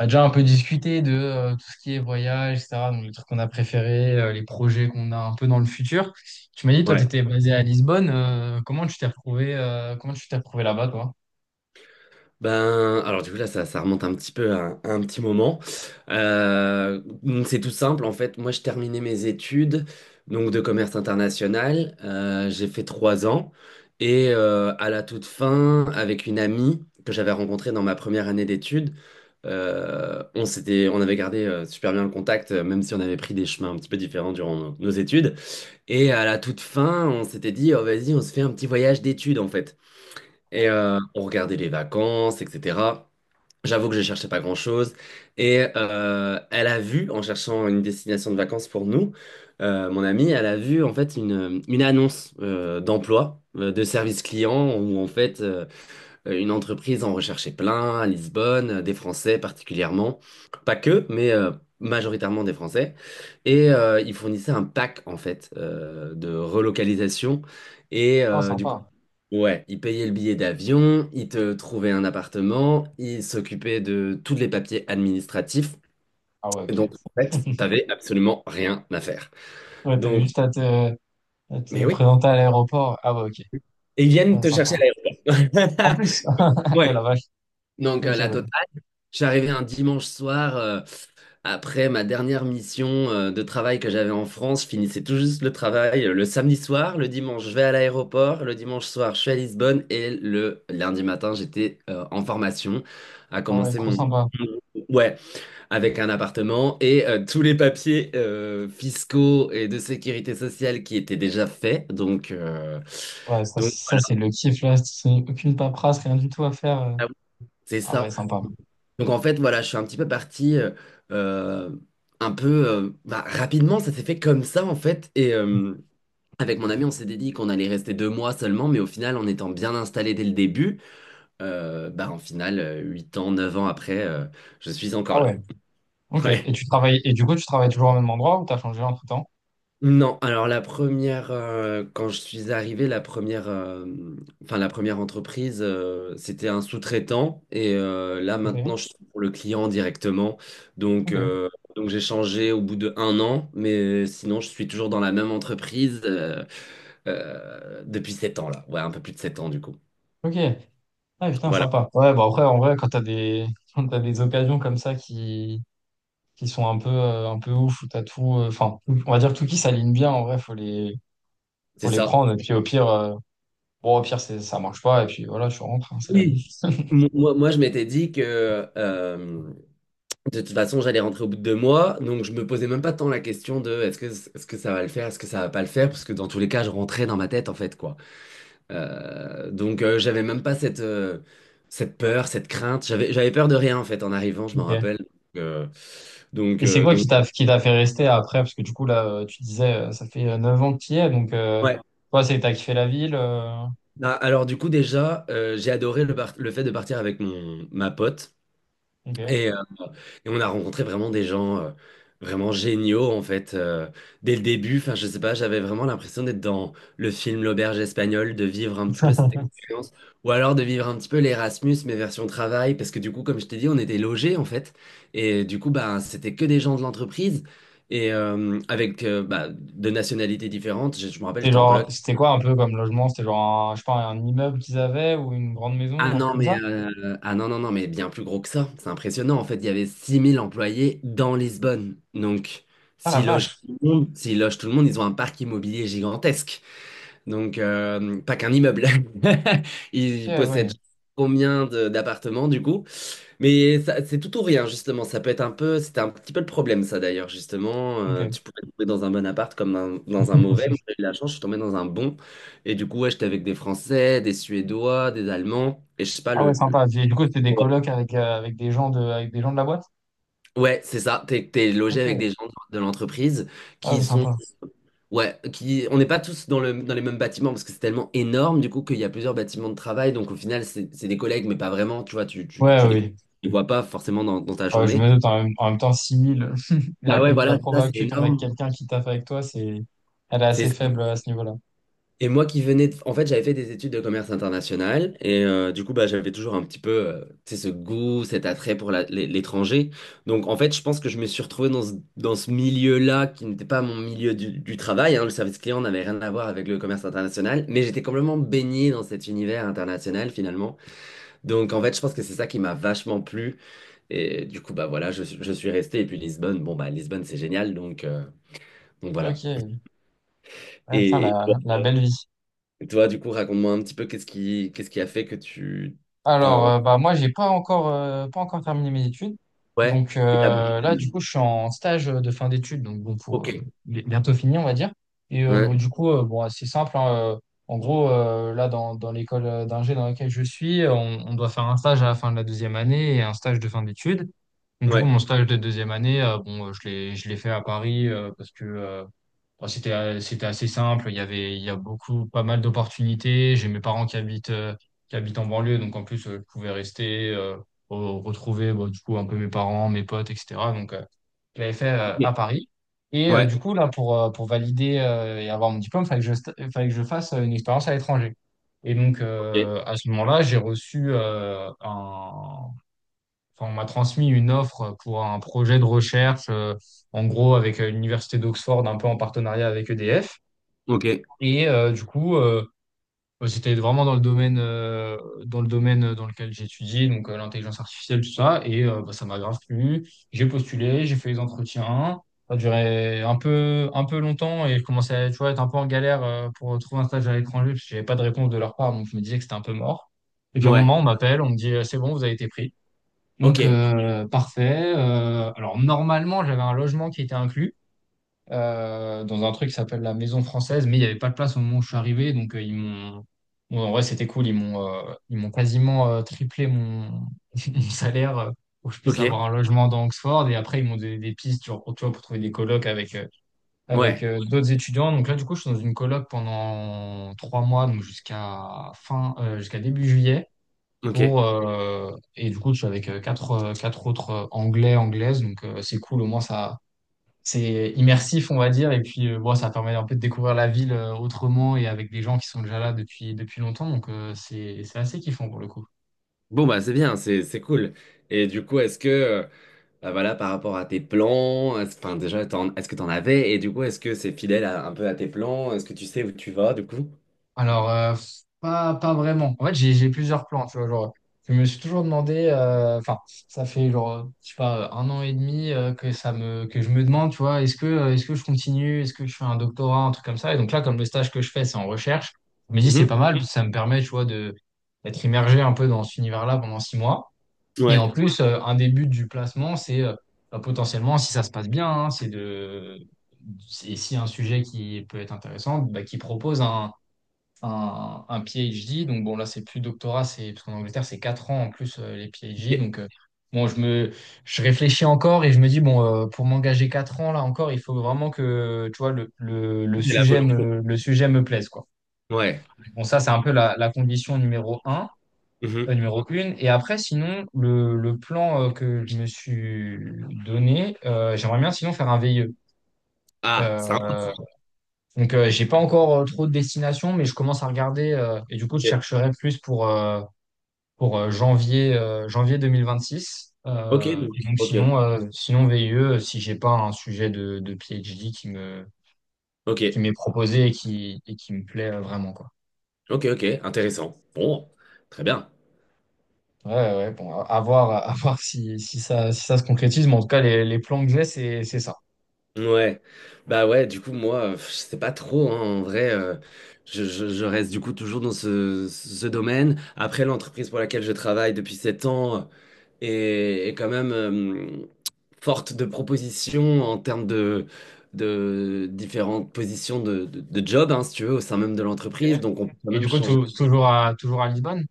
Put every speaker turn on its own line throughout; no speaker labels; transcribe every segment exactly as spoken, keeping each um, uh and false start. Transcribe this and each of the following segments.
On a déjà un peu discuté de euh, tout ce qui est voyage, et cetera. Donc, les trucs qu'on a préférés, euh, les projets qu'on a un peu dans le futur. Tu m'as dit, toi, tu
Ouais.
étais basé à Lisbonne. euh, comment tu t'es retrouvé, euh, comment tu t'es retrouvé là-bas, toi?
Ben, alors du coup là, ça, ça remonte un petit peu à, un à un petit moment. Euh, donc c'est tout simple en fait. Moi, je terminais mes études donc de commerce international. Euh, j'ai fait trois ans et euh, à la toute fin, avec une amie que j'avais rencontrée dans ma première année d'études, euh, on s'était, on avait gardé euh, super bien le contact, euh, même si on avait pris des chemins un petit peu différents durant nos nos études. Et à la toute fin, on s'était dit, oh, vas-y, on se fait un petit voyage d'études en fait. Et euh, on regardait les vacances, et cetera. J'avoue que je cherchais pas grand-chose. Et euh, elle a vu, en cherchant une destination de vacances pour nous, euh, mon amie, elle a vu en fait une, une annonce euh, d'emploi, euh, de service client, où en fait euh, une entreprise en recherchait plein à Lisbonne, euh, des Français particulièrement. Pas que, mais euh, majoritairement des Français. Et euh, ils fournissaient un pack en fait euh, de relocalisation. Et
Ah,
euh, du coup,
sympa.
ouais, il payait le billet d'avion, il te trouvait un appartement, il s'occupait de tous les papiers administratifs.
Ah ouais, ok.
Donc, en fait, t'avais absolument rien à faire.
Ouais, t'avais
Donc,
juste à te, à
mais
te
oui.
présenter à l'aéroport. Ah ouais, ok.
Et ils viennent
Ouais,
te
sympa.
chercher à
En
l'aéroport.
plus, eh, la
Ouais.
vache.
Donc,
Ok,
euh, la
ouais.
totale. J'arrivais un dimanche soir. euh, Après ma dernière mission euh, de travail que j'avais en France, je finissais tout juste le travail euh, le samedi soir, le dimanche je vais à l'aéroport, le dimanche soir je suis à Lisbonne et le lundi matin j'étais euh, en formation à
Ah ouais,
commencer
trop
mon...
sympa.
Ouais, avec un appartement et euh, tous les papiers euh, fiscaux et de sécurité sociale qui étaient déjà faits. Donc, euh,
Ouais, ça,
donc
c'est- ça c'est
voilà,
le kiff, là. C'est aucune paperasse, rien du tout à faire. euh.
ah oui, c'est
Ah
ça.
ouais, sympa.
Donc en fait, voilà, je suis un petit peu parti euh, euh, un peu euh, bah, rapidement, ça s'est fait comme ça en fait. Et euh, avec mon ami, on s'était dit qu'on allait rester deux mois seulement, mais au final, en étant bien installé dès le début, euh, bah en final, euh, huit ans, neuf ans après, euh, je suis encore
Ah
là.
ouais. Ok.
Ouais.
Et tu travailles, et du coup, tu travailles toujours au même endroit ou t'as changé entre-temps?
Non, alors la première, euh, quand je suis arrivé, la première, euh, enfin la première entreprise, euh, c'était un sous-traitant et euh, là maintenant
Ok,
je suis pour le client directement. Donc,
ok,
euh, donc j'ai changé au bout de un an, mais sinon je suis toujours dans la même entreprise euh, euh, depuis sept ans là, ouais un peu plus de sept ans du coup.
ok. Ah putain,
Voilà,
sympa. Ouais, bah après, en vrai, quand t'as des, quand t'as des occasions comme ça qui, qui sont un peu, euh, un peu ouf, où t'as tout, euh, enfin, on va dire tout qui s'aligne bien, en vrai, faut les,
c'est
faut les
ça.
prendre. Et puis au pire, euh, bon, au pire, c'est, ça marche pas. Et puis voilà, tu rentres, hein, c'est la
Oui.
vie.
Moi, moi, je m'étais dit que euh, De toute façon, j'allais rentrer au bout de deux mois, donc je me posais même pas tant la question de est-ce que, est-ce que ça va le faire, est-ce que ça va pas le faire, parce que dans tous les cas, je rentrais dans ma tête en fait quoi. Euh, donc euh, j'avais même pas cette, euh, cette peur, cette crainte. J'avais, j'avais peur de rien en fait en arrivant, je m'en
Ok.
rappelle. Euh, donc
Et c'est
euh,
quoi qui
donc
t'a, qui t'a fait rester après? Parce que du coup, là, euh, tu disais, euh, ça fait euh, neuf ans que tu y es, donc, euh,
ouais.
toi, c'est que t'as kiffé la ville. euh,
Ah, alors du coup déjà, euh, j'ai adoré le, par- le fait de partir avec mon ma pote.
Ok.
Et, euh, et on a rencontré vraiment des gens euh, vraiment géniaux, en fait, euh, dès le début. Enfin, je sais pas, j'avais vraiment l'impression d'être dans le film L'Auberge espagnole, de vivre un petit peu cette expérience, ou alors de vivre un petit peu l'Erasmus, mais version travail, parce que du coup, comme je t'ai dit, on était logés, en fait. Et du coup, bah, c'était que des gens de l'entreprise. Et euh, avec euh, bah, de nationalités différentes, je, je me rappelle,
C'était
j'étais en coloc.
genre, c'était quoi un peu comme logement? C'était genre un, je sais pas, un immeuble qu'ils avaient ou une grande maison,
Ah
un truc
non,
comme
mais
ça?
euh, ah non, non, non, mais bien plus gros que ça. C'est impressionnant. En fait, il y avait six mille employés dans Lisbonne. Donc,
Ah la
s'ils logent
vache.
tout le monde, s'ils logent tout le monde, ils ont un parc immobilier gigantesque. Donc, euh, pas qu'un immeuble.
Ok,
Il possède
ouais.
combien de- d'appartements du coup? Mais ça- c'est tout ou rien, justement. Ça peut être un peu, c'était un petit peu le problème, ça d'ailleurs, justement.
Ok.
Euh, tu pouvais tomber dans un bon appart comme dans, dans un mauvais. Moi, j'ai eu la chance, je suis tombé dans un bon. Et du coup, ouais, j'étais avec des Français, des Suédois, des Allemands. Et je sais pas,
Ah
le,
ouais,
le-
sympa. Et du coup, c'était des colocs avec, euh, avec des gens de, avec des gens de la boîte?
Ouais, c'est ça. T'es, t'es logé avec
Ok.
des gens de l'entreprise
Ah oui,
qui sont
sympa.
ouais, qui, on n'est pas tous dans le, dans les mêmes bâtiments parce que c'est tellement énorme du coup qu'il y a plusieurs bâtiments de travail. Donc au final, c'est c'est des collègues, mais pas vraiment. Tu vois, tu, tu,
Ouais,
tu les, tu
oui.
les vois pas forcément dans, dans ta
Ah ouais, je
journée.
me doute en même, en même temps six mille. La,
Ah
pe-
ouais,
la
voilà, ça c'est
probabilité que tu tombes avec
énorme.
quelqu'un qui taffe avec toi, c'est, elle est assez
C'est
faible à ce niveau-là.
et moi qui venais de... En fait, j'avais fait des études de commerce international et euh, du coup, bah, j'avais toujours un petit peu euh, tu sais, ce goût, cet attrait pour la- l'é- l'étranger. Donc, en fait, je pense que je me suis retrouvé dans ce, dans ce milieu-là qui n'était pas mon milieu du, du travail, hein. Le service client n'avait rien à voir avec le commerce international, mais j'étais complètement baigné dans cet univers international finalement. Donc, en fait, je pense que c'est ça qui m'a vachement plu. Et du coup, bah voilà, je, suis je suis resté. Et puis Lisbonne, bon, bah Lisbonne, c'est génial. Donc, euh, donc voilà.
Ok. Ouais, putain,
Et
la, la belle vie.
Et toi, du coup, raconte-moi un petit peu qu'est-ce qui, qu'est-ce qui a fait que tu...
Alors,
Enfin,
euh, bah, moi, j'ai pas encore, euh, pas encore terminé mes études.
ouais,
Donc,
et t'as bougé
euh,
tout
là,
de
du
même.
coup, je suis en stage de fin d'études. Donc, bon, pour euh,
Ok.
bi- bientôt fini, on va dire. Et euh, bon,
Ouais,
du coup, euh, bon, c'est simple. Hein, euh, en gros, euh, là, dans, dans l'école euh, d'ingé dans laquelle je suis, euh, on, on doit faire un stage à la fin de la deuxième année et un stage de fin d'études. Du coup,
ouais,
mon stage de deuxième année, euh, bon, euh, je l'ai, je l'ai fait à Paris euh, parce que euh, bon, c'était, euh, c'était assez simple. Il y avait, il y a beaucoup, pas mal d'opportunités. J'ai mes parents qui habitent, euh, qui habitent en banlieue, donc en plus, euh, je pouvais rester, euh, re- retrouver bah, du coup un peu mes parents, mes potes, et cetera. Donc, euh, je l'avais fait euh,
ok.
à Paris. Et euh,
Ouais,
du coup, là, pour, euh, pour valider euh, et avoir mon diplôme, il fallait que je, sta- fallait que je fasse euh, une expérience à l'étranger. Et donc,
ok.
euh, à ce moment-là, j'ai reçu euh, un enfin, on m'a transmis une offre pour un projet de recherche, euh, en gros avec euh, l'université d'Oxford, un peu en partenariat avec E D F.
Ok.
Et euh, du coup, euh, bah, c'était vraiment dans le domaine, euh, dans le domaine dans lequel j'étudiais, donc euh, l'intelligence artificielle, tout ça. Et euh, bah, ça m'a grave plu. J'ai postulé, j'ai fait les entretiens. Ça a duré un peu, un peu longtemps et je commençais à, tu vois, être un peu en galère euh, pour trouver un stage à l'étranger parce que j'avais pas de réponse de leur part, donc je me disais que c'était un peu mort. Et puis à un
Ouais,
moment, on m'appelle, on me dit, euh, c'est bon, vous avez été pris.
ok.
Donc, euh, parfait. Euh, alors, normalement, j'avais un logement qui était inclus euh, dans un truc qui s'appelle la Maison Française, mais il n'y avait pas de place au moment où je suis arrivé. Donc, euh, ils m'ont. Bon, en vrai, c'était cool. Ils m'ont euh, ils m'ont quasiment euh, triplé mon, mon salaire euh, pour que je puisse
Ok.
avoir un logement dans Oxford. Et après, ils m'ont donné des pistes tu vois, pour, tu vois, pour trouver des colocs avec, euh, avec
Ouais,
euh, d'autres étudiants. Donc, là, du coup, je suis dans une coloc pendant trois mois, donc jusqu'à fin, euh, jusqu'à début juillet
ok.
pour euh, et du coup je suis avec euh, quatre euh, quatre autres euh, anglais anglaises, donc euh, c'est cool, au moins ça c'est immersif, on va dire. Et puis euh, bon, ça permet un peu de découvrir la ville euh, autrement, et avec des gens qui sont déjà là depuis depuis longtemps, donc euh, c'est c'est assez kiffant pour le coup.
Bon, bah, c'est bien, c'est c'est cool. Et du coup, est-ce que, euh, bah, voilà, par rapport à tes plans, est-ce- enfin, déjà, t'en- est-ce que t'en avais? Et du coup, est-ce que c'est fidèle à- un peu à tes plans? Est-ce que tu sais où tu vas, du coup?
Alors, euh, pas, pas vraiment. En fait, j'ai j'ai plusieurs plans, tu vois. Genre, je me suis toujours demandé, euh, enfin, ça fait genre, je sais pas, un an et demi euh, que ça me, que je me demande, tu vois, est-ce que, euh, est-ce que je continue, est-ce que je fais un doctorat, un truc comme ça. Et donc là, comme le stage que je fais, c'est en recherche, je me dis, c'est
Mhm.
pas mal, parce que ça me permet, tu vois, de, d'être immergé un peu dans cet univers-là pendant six mois. Et en
Ouais.
plus, euh, un des buts du placement, c'est euh, bah, potentiellement, si ça se passe bien, hein, c'est de, et si un sujet qui peut être intéressant, bah, qui propose un un, un PhD. Donc bon, là, c'est plus doctorat, c'est parce qu'en Angleterre, c'est quatre ans en plus euh, les PhD.
Ok.
Donc euh, bon, je me je réfléchis encore et je me dis, bon, euh, pour m'engager quatre ans là encore, il faut vraiment que tu vois le, le, le
C'est la
sujet
volonté.
me, le sujet me plaise, quoi.
Ouais.
Bon, ça, c'est un peu la, la condition numéro un
Mhm.
euh, numéro une. Et après, sinon, le, le plan euh, que je me suis donné, euh, j'aimerais bien sinon faire un V I E.
Ah, c'est un...
Euh, donc, euh, j'ai pas encore euh, trop de destinations, mais je commence à regarder euh, et du coup, je
Ok,
chercherai plus pour, euh, pour euh, janvier, euh, janvier deux mille vingt-six.
ok.
Euh,
donc-
et donc
Ok.
sinon, euh, sinon V I E, si j'ai pas un sujet de, de PhD qui me,
Ok.
qui m'est proposé et qui, et qui me plaît euh, vraiment, quoi.
Ok, ok, intéressant. Bon, très bien.
Ouais, ouais, bon, à, à voir, à voir si, si ça, si ça se concrétise, mais en tout cas, les, les plans que j'ai, c'est, c'est ça.
Ouais. Bah ouais, du coup, moi, euh, je sais pas trop, hein, en vrai, euh, je, je- je reste du coup toujours dans ce, ce domaine. Après, l'entreprise pour laquelle je travaille depuis sept ans est, est quand même euh, forte de propositions en termes de, de différentes positions de, de, de job, hein, si tu veux, au sein même de
Ok.
l'entreprise. Donc, on peut quand
Et
même
du coup,
changer.
tou- toujours à, toujours à Lisbonne?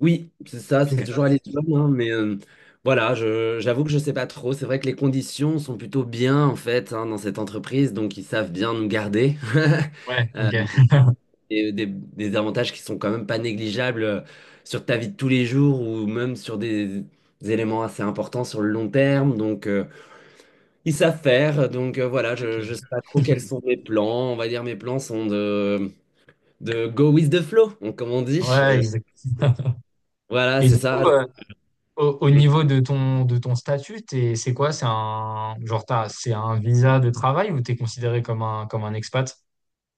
Oui, c'est ça, c'est toujours à
Ok.
Lisbonne, hein, mais euh, voilà, je, j'avoue que je sais pas trop. C'est vrai que les conditions sont plutôt bien en fait hein, dans cette entreprise, donc ils savent bien nous garder.
Ouais,
Euh,
ok.
et des, des avantages qui sont quand même pas négligeables euh, sur ta vie de tous les jours ou même sur des, des éléments assez importants sur le long terme. Donc euh, ils savent faire. Donc euh, voilà,
Ok.
je, je sais pas trop quels sont mes plans. On va dire mes plans sont de, de go with the flow, on- comme on dit.
Ouais,
Euh,
exact.
voilà,
Et
c'est
du coup,
ça.
euh, Au, au niveau de ton, de ton statut, t'es- c'est quoi? C'est un, genre t'as- c'est un visa de travail ou t'es considéré comme un, comme un expat?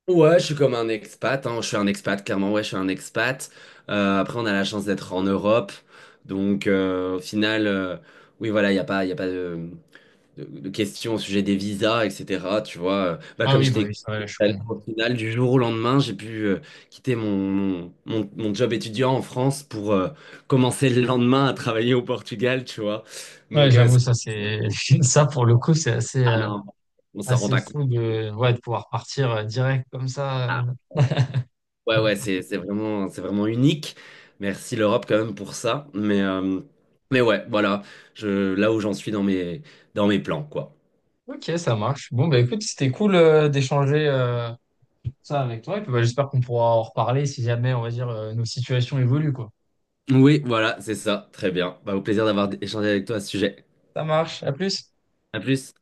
Ouais, je suis comme un expat, hein. Je suis un expat, clairement, ouais, je suis un expat. Euh, après, on a la chance d'être en Europe. Donc, euh, au final, euh, oui, voilà, il n'y a pas, il a pas de, de, de questions au sujet des visas, et cetera. Tu vois, bah,
Ah
comme je
oui,
t'ai
bah oui, c'est vrai,
expliqué
je suis
tout à
con.
l'heure, au final, du jour au lendemain, j'ai pu euh, quitter mon, mon, mon, mon job étudiant en France pour euh, commencer le lendemain à travailler au Portugal, tu vois.
Ouais,
Donc, euh,
j'avoue,
c'est-
ça, c'est, ça, pour le coup, c'est assez,
ah
euh,
non, on s'en rend
assez
pas compte.
fou de, ouais, de pouvoir partir euh, direct comme ça. euh.
Ah. Ouais, ouais, c'est c'est vraiment, c'est vraiment unique. Merci l'Europe quand même pour ça. Mais, euh, mais ouais, voilà, je, là où j'en suis dans mes, dans mes plans, quoi.
Ok, ça marche. Bon, bah écoute, c'était cool, euh, d'échanger, euh, ça avec toi. Et puis, bah, j'espère qu'on pourra en reparler si jamais, on va dire, euh, nos situations évoluent, quoi.
Oui, voilà, c'est ça. Très bien. Bah, au plaisir d'avoir échangé avec toi à ce sujet.
Ça marche. À plus.
À plus.